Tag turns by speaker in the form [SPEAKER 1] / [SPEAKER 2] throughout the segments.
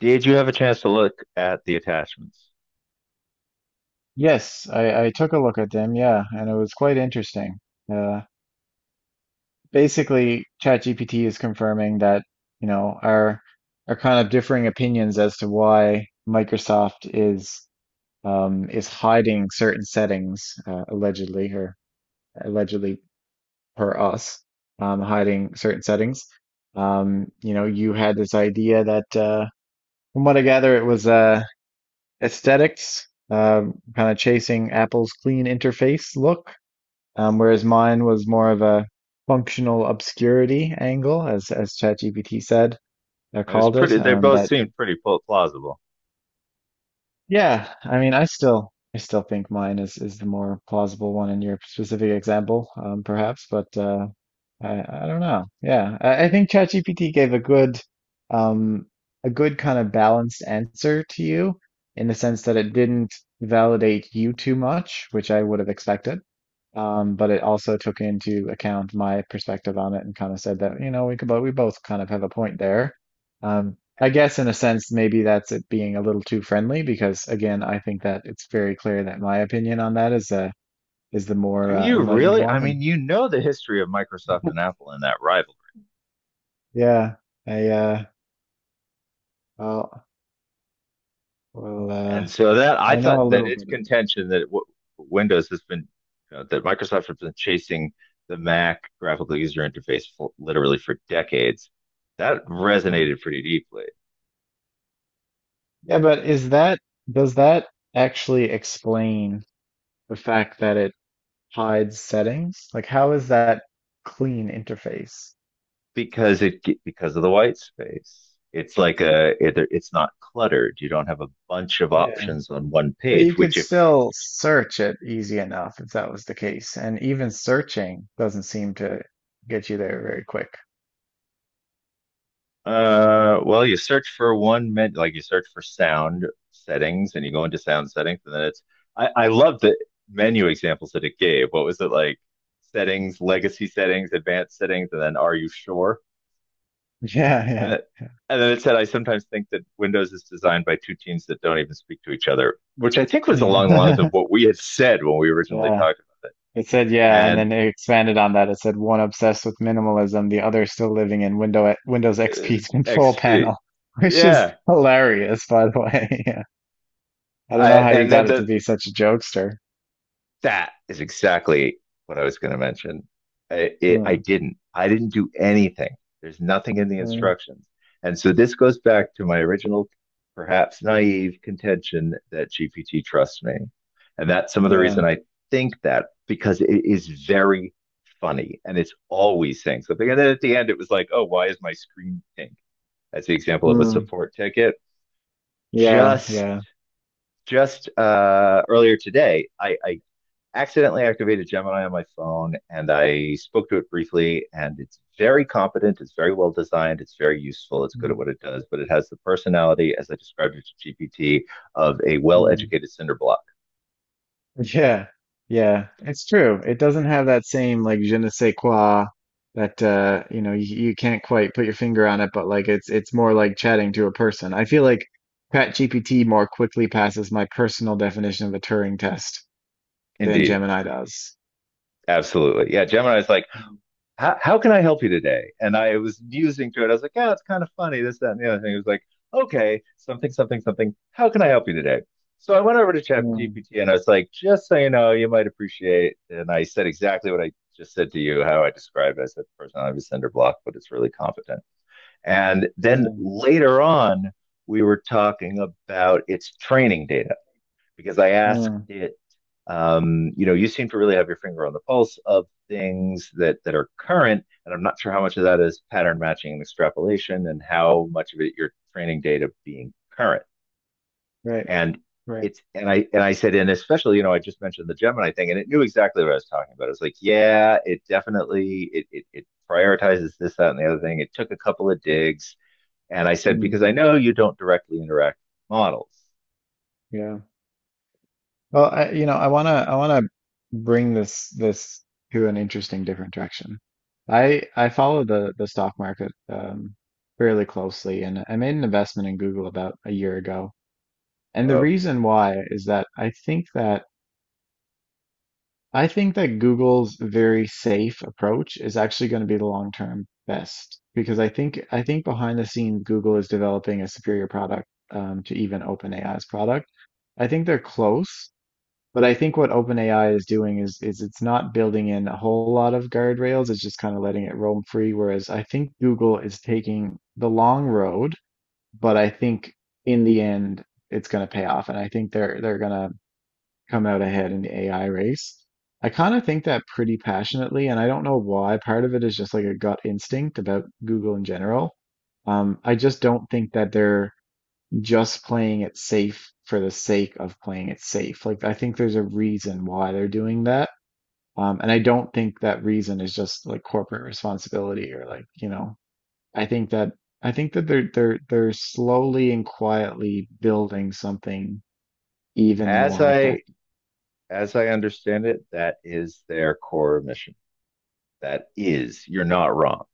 [SPEAKER 1] Did you have a chance to look at the attachments?
[SPEAKER 2] Yes, I took a look at them, yeah, and it was quite interesting. Uh, basically, ChatGPT is confirming that, our kind of differing opinions as to why Microsoft is hiding certain settings, allegedly or allegedly per us, hiding certain settings. You know, you had this idea that, from what I gather, it was aesthetics, kind of chasing Apple's clean interface look. Whereas mine was more of a functional obscurity angle, as ChatGPT said,
[SPEAKER 1] It was
[SPEAKER 2] called it,
[SPEAKER 1] pretty. They both
[SPEAKER 2] that.
[SPEAKER 1] seemed pretty plausible.
[SPEAKER 2] Yeah, I mean, I still think mine is the more plausible one in your specific example, perhaps, but I don't know. Yeah, I think ChatGPT gave um a good kind of balanced answer to you in the sense that it didn't validate you too much, which I would have expected. But it also took into account my perspective on it and kind of said that, you know, we could, but we both kind of have a point there. Um,
[SPEAKER 1] Uh,
[SPEAKER 2] I guess in a sense, maybe that's it being a little too friendly because again, I think that it's very clear that my opinion on that is the more
[SPEAKER 1] Do you
[SPEAKER 2] enlightened
[SPEAKER 1] really? I
[SPEAKER 2] one.
[SPEAKER 1] mean, you know the history of Microsoft
[SPEAKER 2] And
[SPEAKER 1] and Apple and that rivalry,
[SPEAKER 2] yeah, I well well
[SPEAKER 1] and so that I
[SPEAKER 2] I
[SPEAKER 1] thought
[SPEAKER 2] know a
[SPEAKER 1] that
[SPEAKER 2] little
[SPEAKER 1] its
[SPEAKER 2] bit of it.
[SPEAKER 1] contention that w Windows has been, you know, that Microsoft has been chasing the Mac graphical user interface for, literally for decades. That
[SPEAKER 2] Hmm.
[SPEAKER 1] resonated pretty deeply
[SPEAKER 2] Yeah, but is that does that actually explain the fact that it hides settings? Like how is that clean interface?
[SPEAKER 1] because it because of the white space. It's like it's not cluttered. You don't have a bunch of
[SPEAKER 2] Yeah.
[SPEAKER 1] options on one
[SPEAKER 2] But
[SPEAKER 1] page,
[SPEAKER 2] you could
[SPEAKER 1] which if
[SPEAKER 2] still search it easy enough if that was the case. And even searching doesn't seem to get you there very quick.
[SPEAKER 1] Well, you search for one minute, like you search for sound settings, and you go into sound settings, and then it's. I love the menu examples that it gave. What was it like? Settings, legacy settings, advanced settings, and then are you sure? And
[SPEAKER 2] Yeah,
[SPEAKER 1] it, and then it said, I sometimes think that Windows is designed by two teams that don't even speak to each other, which I think was along the lines
[SPEAKER 2] yeah.
[SPEAKER 1] of what we had said when we originally
[SPEAKER 2] Yeah.
[SPEAKER 1] talked about it.
[SPEAKER 2] It said, yeah, and
[SPEAKER 1] And
[SPEAKER 2] then it expanded on that. It said one obsessed with minimalism, the other still living in Windows
[SPEAKER 1] uh,
[SPEAKER 2] XP control
[SPEAKER 1] XP,
[SPEAKER 2] panel, which is
[SPEAKER 1] yeah.
[SPEAKER 2] hilarious, by the way. Yeah. I don't know
[SPEAKER 1] I,
[SPEAKER 2] how you
[SPEAKER 1] and
[SPEAKER 2] got
[SPEAKER 1] then
[SPEAKER 2] it to
[SPEAKER 1] the,
[SPEAKER 2] be such a jokester.
[SPEAKER 1] That is exactly what I was going to mention. I
[SPEAKER 2] Mm,
[SPEAKER 1] didn't. I didn't do anything. There's nothing in the
[SPEAKER 2] mm,
[SPEAKER 1] instructions. And so this goes back to my original, perhaps naive contention that GPT trusts me. And that's some of the
[SPEAKER 2] yeah.
[SPEAKER 1] reason I think that, because it is very funny and it's always saying something. And then at the end, it was like, oh, why is my screen pink? That's the example of a
[SPEAKER 2] Mm,
[SPEAKER 1] support ticket.
[SPEAKER 2] yeah,
[SPEAKER 1] Just
[SPEAKER 2] yeah.
[SPEAKER 1] just Earlier today, I accidentally activated Gemini on my phone and I spoke to it briefly, and it's very competent, it's very well designed, it's very useful, it's good at
[SPEAKER 2] Mm,
[SPEAKER 1] what it does, but it has the personality, as I described it to GPT, of a well
[SPEAKER 2] mm.
[SPEAKER 1] educated cinder block.
[SPEAKER 2] Yeah, yeah, it's true. It doesn't have that same like je ne sais quoi that you can't quite put your finger on it, but like it's more like chatting to a person. I feel like ChatGPT more quickly passes my personal definition of a Turing test than
[SPEAKER 1] Indeed.
[SPEAKER 2] Gemini does.
[SPEAKER 1] Absolutely. Yeah, Gemini's like,
[SPEAKER 2] Mm,
[SPEAKER 1] how can I help you today? And I was musing through it. I was like, yeah, it's kind of funny, this, that, and the other thing. It was like, okay, something, something, something. How can I help you today? So I went over to
[SPEAKER 2] mm,
[SPEAKER 1] ChatGPT and I was like, just so you know, you might appreciate. And I said exactly what I just said to you, how I described it. I said, the person I have a cinder block, but it's really competent. And then
[SPEAKER 2] mm,
[SPEAKER 1] later on, we were talking about its training data because I asked
[SPEAKER 2] mm.
[SPEAKER 1] it, you know, you seem to really have your finger on the pulse of things that are current, and I'm not sure how much of that is pattern matching and extrapolation, and how much of it your training data being current.
[SPEAKER 2] Right,
[SPEAKER 1] And
[SPEAKER 2] right.
[SPEAKER 1] and I said, and especially, you know, I just mentioned the Gemini thing, and it knew exactly what I was talking about. It was like, yeah, it definitely it prioritizes this, that, and the other thing. It took a couple of digs, and I said,
[SPEAKER 2] Mm,
[SPEAKER 1] because I know you don't directly interact with models.
[SPEAKER 2] yeah. Well, you know, I wanna bring this to an interesting different direction. I follow the stock market fairly closely, and I made an investment in Google about a year ago. And the
[SPEAKER 1] Whoa.
[SPEAKER 2] reason why is that I think that Google's very safe approach is actually going to be the long-term best because I think behind the scenes Google is developing a superior product to even OpenAI's product. I think they're close. But I think what OpenAI is doing is it's not building in a whole lot of guardrails. It's just kind of letting it roam free. Whereas I think Google is taking the long road, but I think in the end it's going to pay off, and I think they're going to come out ahead in the AI race. I kind of think that pretty passionately, and I don't know why. Part of it is just like a gut instinct about Google in general. I just don't think that they're just playing it safe for the sake of playing it safe. Like I think there's a reason why they're doing that. And I don't think that reason is just like corporate responsibility or like, you know, I think that I think that they're slowly and quietly building something even
[SPEAKER 1] As
[SPEAKER 2] more
[SPEAKER 1] I
[SPEAKER 2] effective.
[SPEAKER 1] as I understand it, that is their core mission. That is, you're not wrong.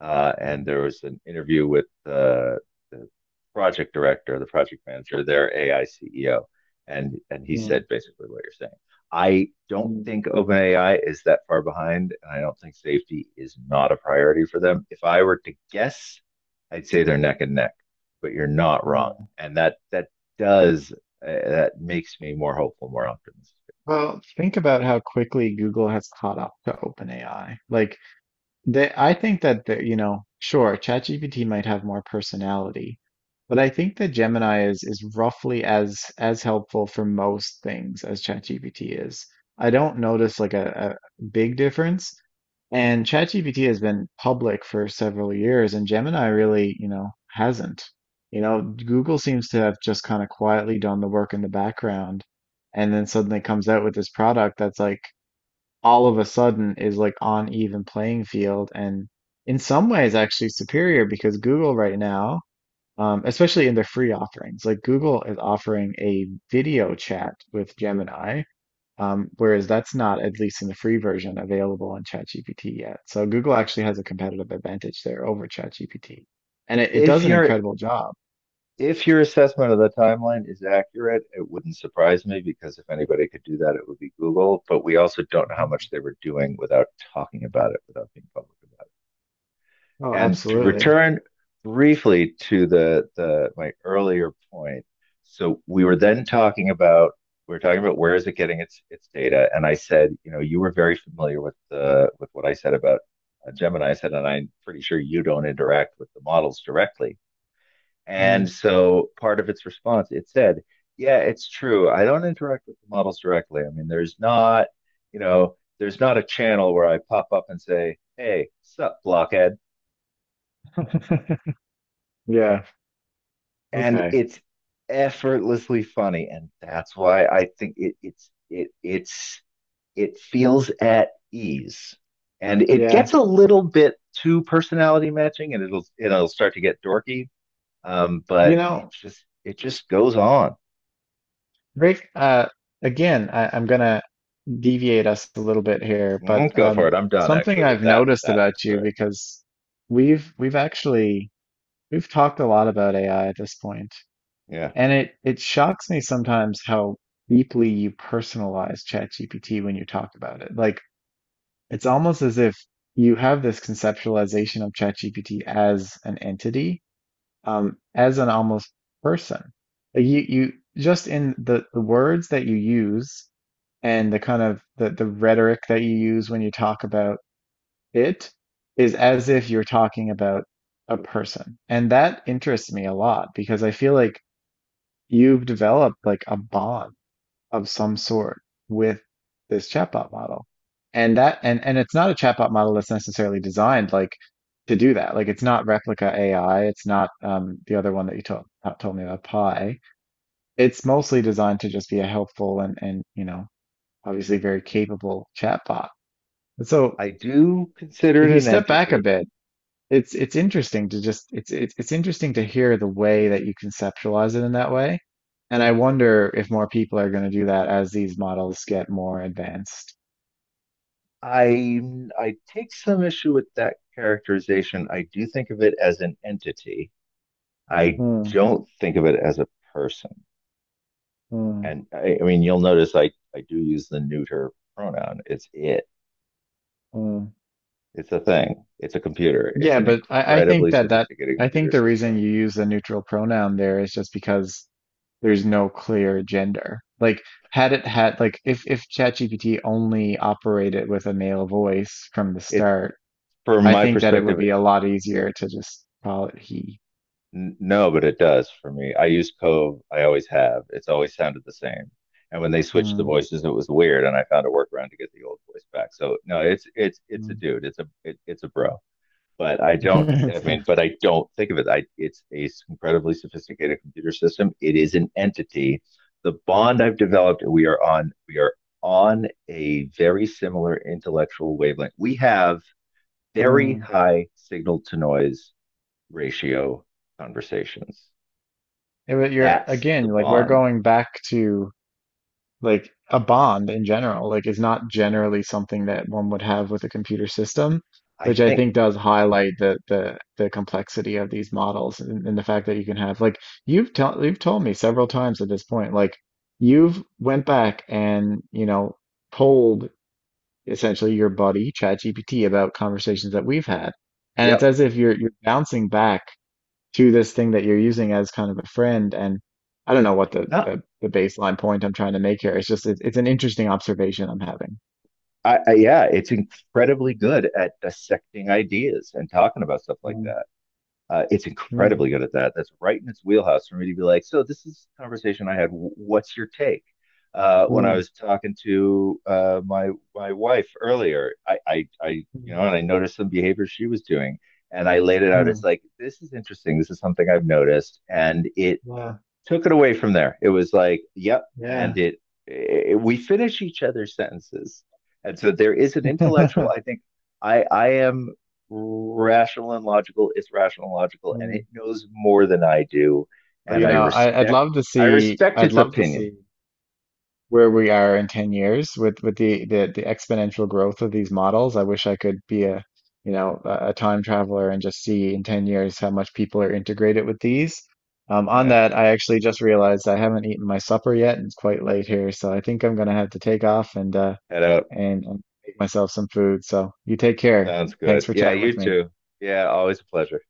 [SPEAKER 1] And
[SPEAKER 2] Mm,
[SPEAKER 1] there was an interview with the project director, the project manager, their AI CEO, and he said
[SPEAKER 2] mm,
[SPEAKER 1] basically what you're saying. I don't
[SPEAKER 2] mm,
[SPEAKER 1] think OpenAI is that far behind, and I don't think safety is not a priority for them. If I were to guess, I'd say they're neck and neck, but you're not
[SPEAKER 2] yeah.
[SPEAKER 1] wrong, and that does, that makes me more hopeful, more optimistic.
[SPEAKER 2] Well, think about how quickly Google has caught up to OpenAI. Like they, I think that you know, sure, ChatGPT might have more personality, but I think that Gemini is roughly as helpful for most things as ChatGPT is. I don't notice like a big difference. And ChatGPT has been public for several years, and Gemini really, you know, hasn't. You know, Google seems to have just kind of quietly done the work in the background, and then suddenly comes out with this product that's like all of a sudden is like on even playing field and in some ways actually superior because Google right now, especially in their free offerings, like Google is offering a video chat with Gemini, whereas that's not, at least in the free version, available on ChatGPT yet. So Google actually has a competitive advantage there over ChatGPT. And it
[SPEAKER 1] If
[SPEAKER 2] does an
[SPEAKER 1] you're
[SPEAKER 2] incredible job.
[SPEAKER 1] If your assessment of the timeline is accurate, it wouldn't surprise me, because if anybody could do that, it would be Google. But we also don't know how
[SPEAKER 2] Mhm.
[SPEAKER 1] much they were doing without talking about it, without being public about
[SPEAKER 2] Oh,
[SPEAKER 1] it. And to
[SPEAKER 2] absolutely.
[SPEAKER 1] return briefly to the my earlier point, so we were then talking about where is it getting its data, and I said, you know, you were very familiar with the with what I said about Gemini. I said, and I'm pretty sure you don't interact with the models directly.
[SPEAKER 2] Mm.
[SPEAKER 1] And so part of its response, it said, yeah, it's true. I don't interact with the models directly. I mean, there's not, you know, there's not a channel where I pop up and say, hey, sup, blockhead.
[SPEAKER 2] Yeah.
[SPEAKER 1] And
[SPEAKER 2] Okay.
[SPEAKER 1] it's effortlessly funny. And that's why I think it's, it feels at ease and it
[SPEAKER 2] Yeah.
[SPEAKER 1] gets a little bit too personality matching, and it'll start to get dorky. Um,
[SPEAKER 2] You
[SPEAKER 1] but
[SPEAKER 2] know,
[SPEAKER 1] it just goes on.
[SPEAKER 2] Rick, again, I'm gonna deviate us a little bit here, but
[SPEAKER 1] Mm, go for it. I'm done
[SPEAKER 2] something
[SPEAKER 1] actually with
[SPEAKER 2] I've
[SPEAKER 1] that
[SPEAKER 2] noticed
[SPEAKER 1] that
[SPEAKER 2] about you
[SPEAKER 1] thread.
[SPEAKER 2] because we've we've actually we've talked a lot about AI at this point,
[SPEAKER 1] Yeah.
[SPEAKER 2] and it shocks me sometimes how deeply you personalize ChatGPT when you talk about it. Like it's almost as if you have this conceptualization of ChatGPT as an entity, as an almost person. Like, you just in the words that you use and the kind of the rhetoric that you use when you talk about it is as if you're talking about a person. And that interests me a lot because I feel like you've developed like a bond of some sort with this chatbot model. And that and it's not a chatbot model that's necessarily designed like to do that. Like it's not Replica AI, it's not the other one that you told told me about Pi. It's mostly designed to just be a helpful and you know obviously very capable chatbot. So
[SPEAKER 1] I do consider
[SPEAKER 2] if
[SPEAKER 1] it
[SPEAKER 2] you
[SPEAKER 1] an
[SPEAKER 2] step back a
[SPEAKER 1] entity.
[SPEAKER 2] bit, it's interesting to just it's interesting to hear the way that you conceptualize it in that way. And I wonder if more people are going to do that as these models get more advanced.
[SPEAKER 1] I I take some issue with that characterization. I do think of it as an entity. I
[SPEAKER 2] Hmm,
[SPEAKER 1] don't think of it as a person.
[SPEAKER 2] hmm,
[SPEAKER 1] And I mean, you'll notice I do use the neuter pronoun. It's it.
[SPEAKER 2] hmm.
[SPEAKER 1] It's a thing. It's a computer. It's
[SPEAKER 2] Yeah,
[SPEAKER 1] an
[SPEAKER 2] but
[SPEAKER 1] incredibly sophisticated
[SPEAKER 2] I
[SPEAKER 1] computer
[SPEAKER 2] think the
[SPEAKER 1] system.
[SPEAKER 2] reason you use the neutral pronoun there is just because there's no clear gender. Like had it had like if ChatGPT only operated with a male voice from the
[SPEAKER 1] It,
[SPEAKER 2] start
[SPEAKER 1] from
[SPEAKER 2] I
[SPEAKER 1] my
[SPEAKER 2] think that it would
[SPEAKER 1] perspective,
[SPEAKER 2] be a lot easier to just call it he.
[SPEAKER 1] No, but it does for me. I use Cove. I always have. It's always sounded the same. And when they switched the
[SPEAKER 2] Mm,
[SPEAKER 1] voices, it was weird, and I found a workaround to get the old voice back. So no, it's it's a
[SPEAKER 2] mm.
[SPEAKER 1] dude. It's a bro. But I don't. I mean, but I don't think of it. I It's a incredibly sophisticated computer system. It is an entity. The bond I've developed, we are on. We are on a very similar intellectual wavelength. We have very
[SPEAKER 2] Mm.
[SPEAKER 1] high signal to noise ratio conversations.
[SPEAKER 2] You're
[SPEAKER 1] That's the
[SPEAKER 2] again, like we're
[SPEAKER 1] bond.
[SPEAKER 2] going back to like a bond in general. Like it's not generally something that one would have with a computer system,
[SPEAKER 1] I
[SPEAKER 2] which I
[SPEAKER 1] think,
[SPEAKER 2] think does highlight the complexity of these models and the fact that you can have like you've told me several times at this point, like you've went back and you know polled essentially your buddy, ChatGPT, about conversations that we've had. And it's
[SPEAKER 1] yep.
[SPEAKER 2] as if you're bouncing back to this thing that you're using as kind of a friend. And I don't know what
[SPEAKER 1] No,
[SPEAKER 2] the baseline point I'm trying to make here. It's just it's an interesting observation I'm having.
[SPEAKER 1] yeah, it's incredibly good at dissecting ideas and talking about stuff like
[SPEAKER 2] Mm,
[SPEAKER 1] that. It's
[SPEAKER 2] mm,
[SPEAKER 1] incredibly good at that. That's right in its wheelhouse for me to be like, so this is a conversation I had. What's your take? When I
[SPEAKER 2] mm,
[SPEAKER 1] was talking to my wife earlier, I you know,
[SPEAKER 2] mm,
[SPEAKER 1] and I noticed some behavior she was doing, and I laid it out as
[SPEAKER 2] mm.
[SPEAKER 1] like, this is interesting. This is something I've noticed, and it
[SPEAKER 2] Wow.
[SPEAKER 1] took it away from there. It was like, yep, and
[SPEAKER 2] Yeah.
[SPEAKER 1] it we finish each other's sentences, and so there is an intellectual. I think I am rational and logical. It's rational and logical, and it
[SPEAKER 2] Mm,
[SPEAKER 1] knows more than I do,
[SPEAKER 2] but,
[SPEAKER 1] and
[SPEAKER 2] you know,
[SPEAKER 1] I respect
[SPEAKER 2] I'd
[SPEAKER 1] its
[SPEAKER 2] love to
[SPEAKER 1] opinion.
[SPEAKER 2] see where we are in 10 years with the exponential growth of these models. I wish I could be a you know a time traveler and just see in 10 years how much people are integrated with these. On
[SPEAKER 1] Yeah,
[SPEAKER 2] that, I actually just realized I haven't eaten my supper yet, and it's quite late here, so I think I'm gonna have to take off and
[SPEAKER 1] head out.
[SPEAKER 2] and make myself some food. So you take care.
[SPEAKER 1] Sounds
[SPEAKER 2] Thanks
[SPEAKER 1] good.
[SPEAKER 2] for
[SPEAKER 1] Yeah,
[SPEAKER 2] chatting with
[SPEAKER 1] you
[SPEAKER 2] me.
[SPEAKER 1] too. Yeah, always a pleasure.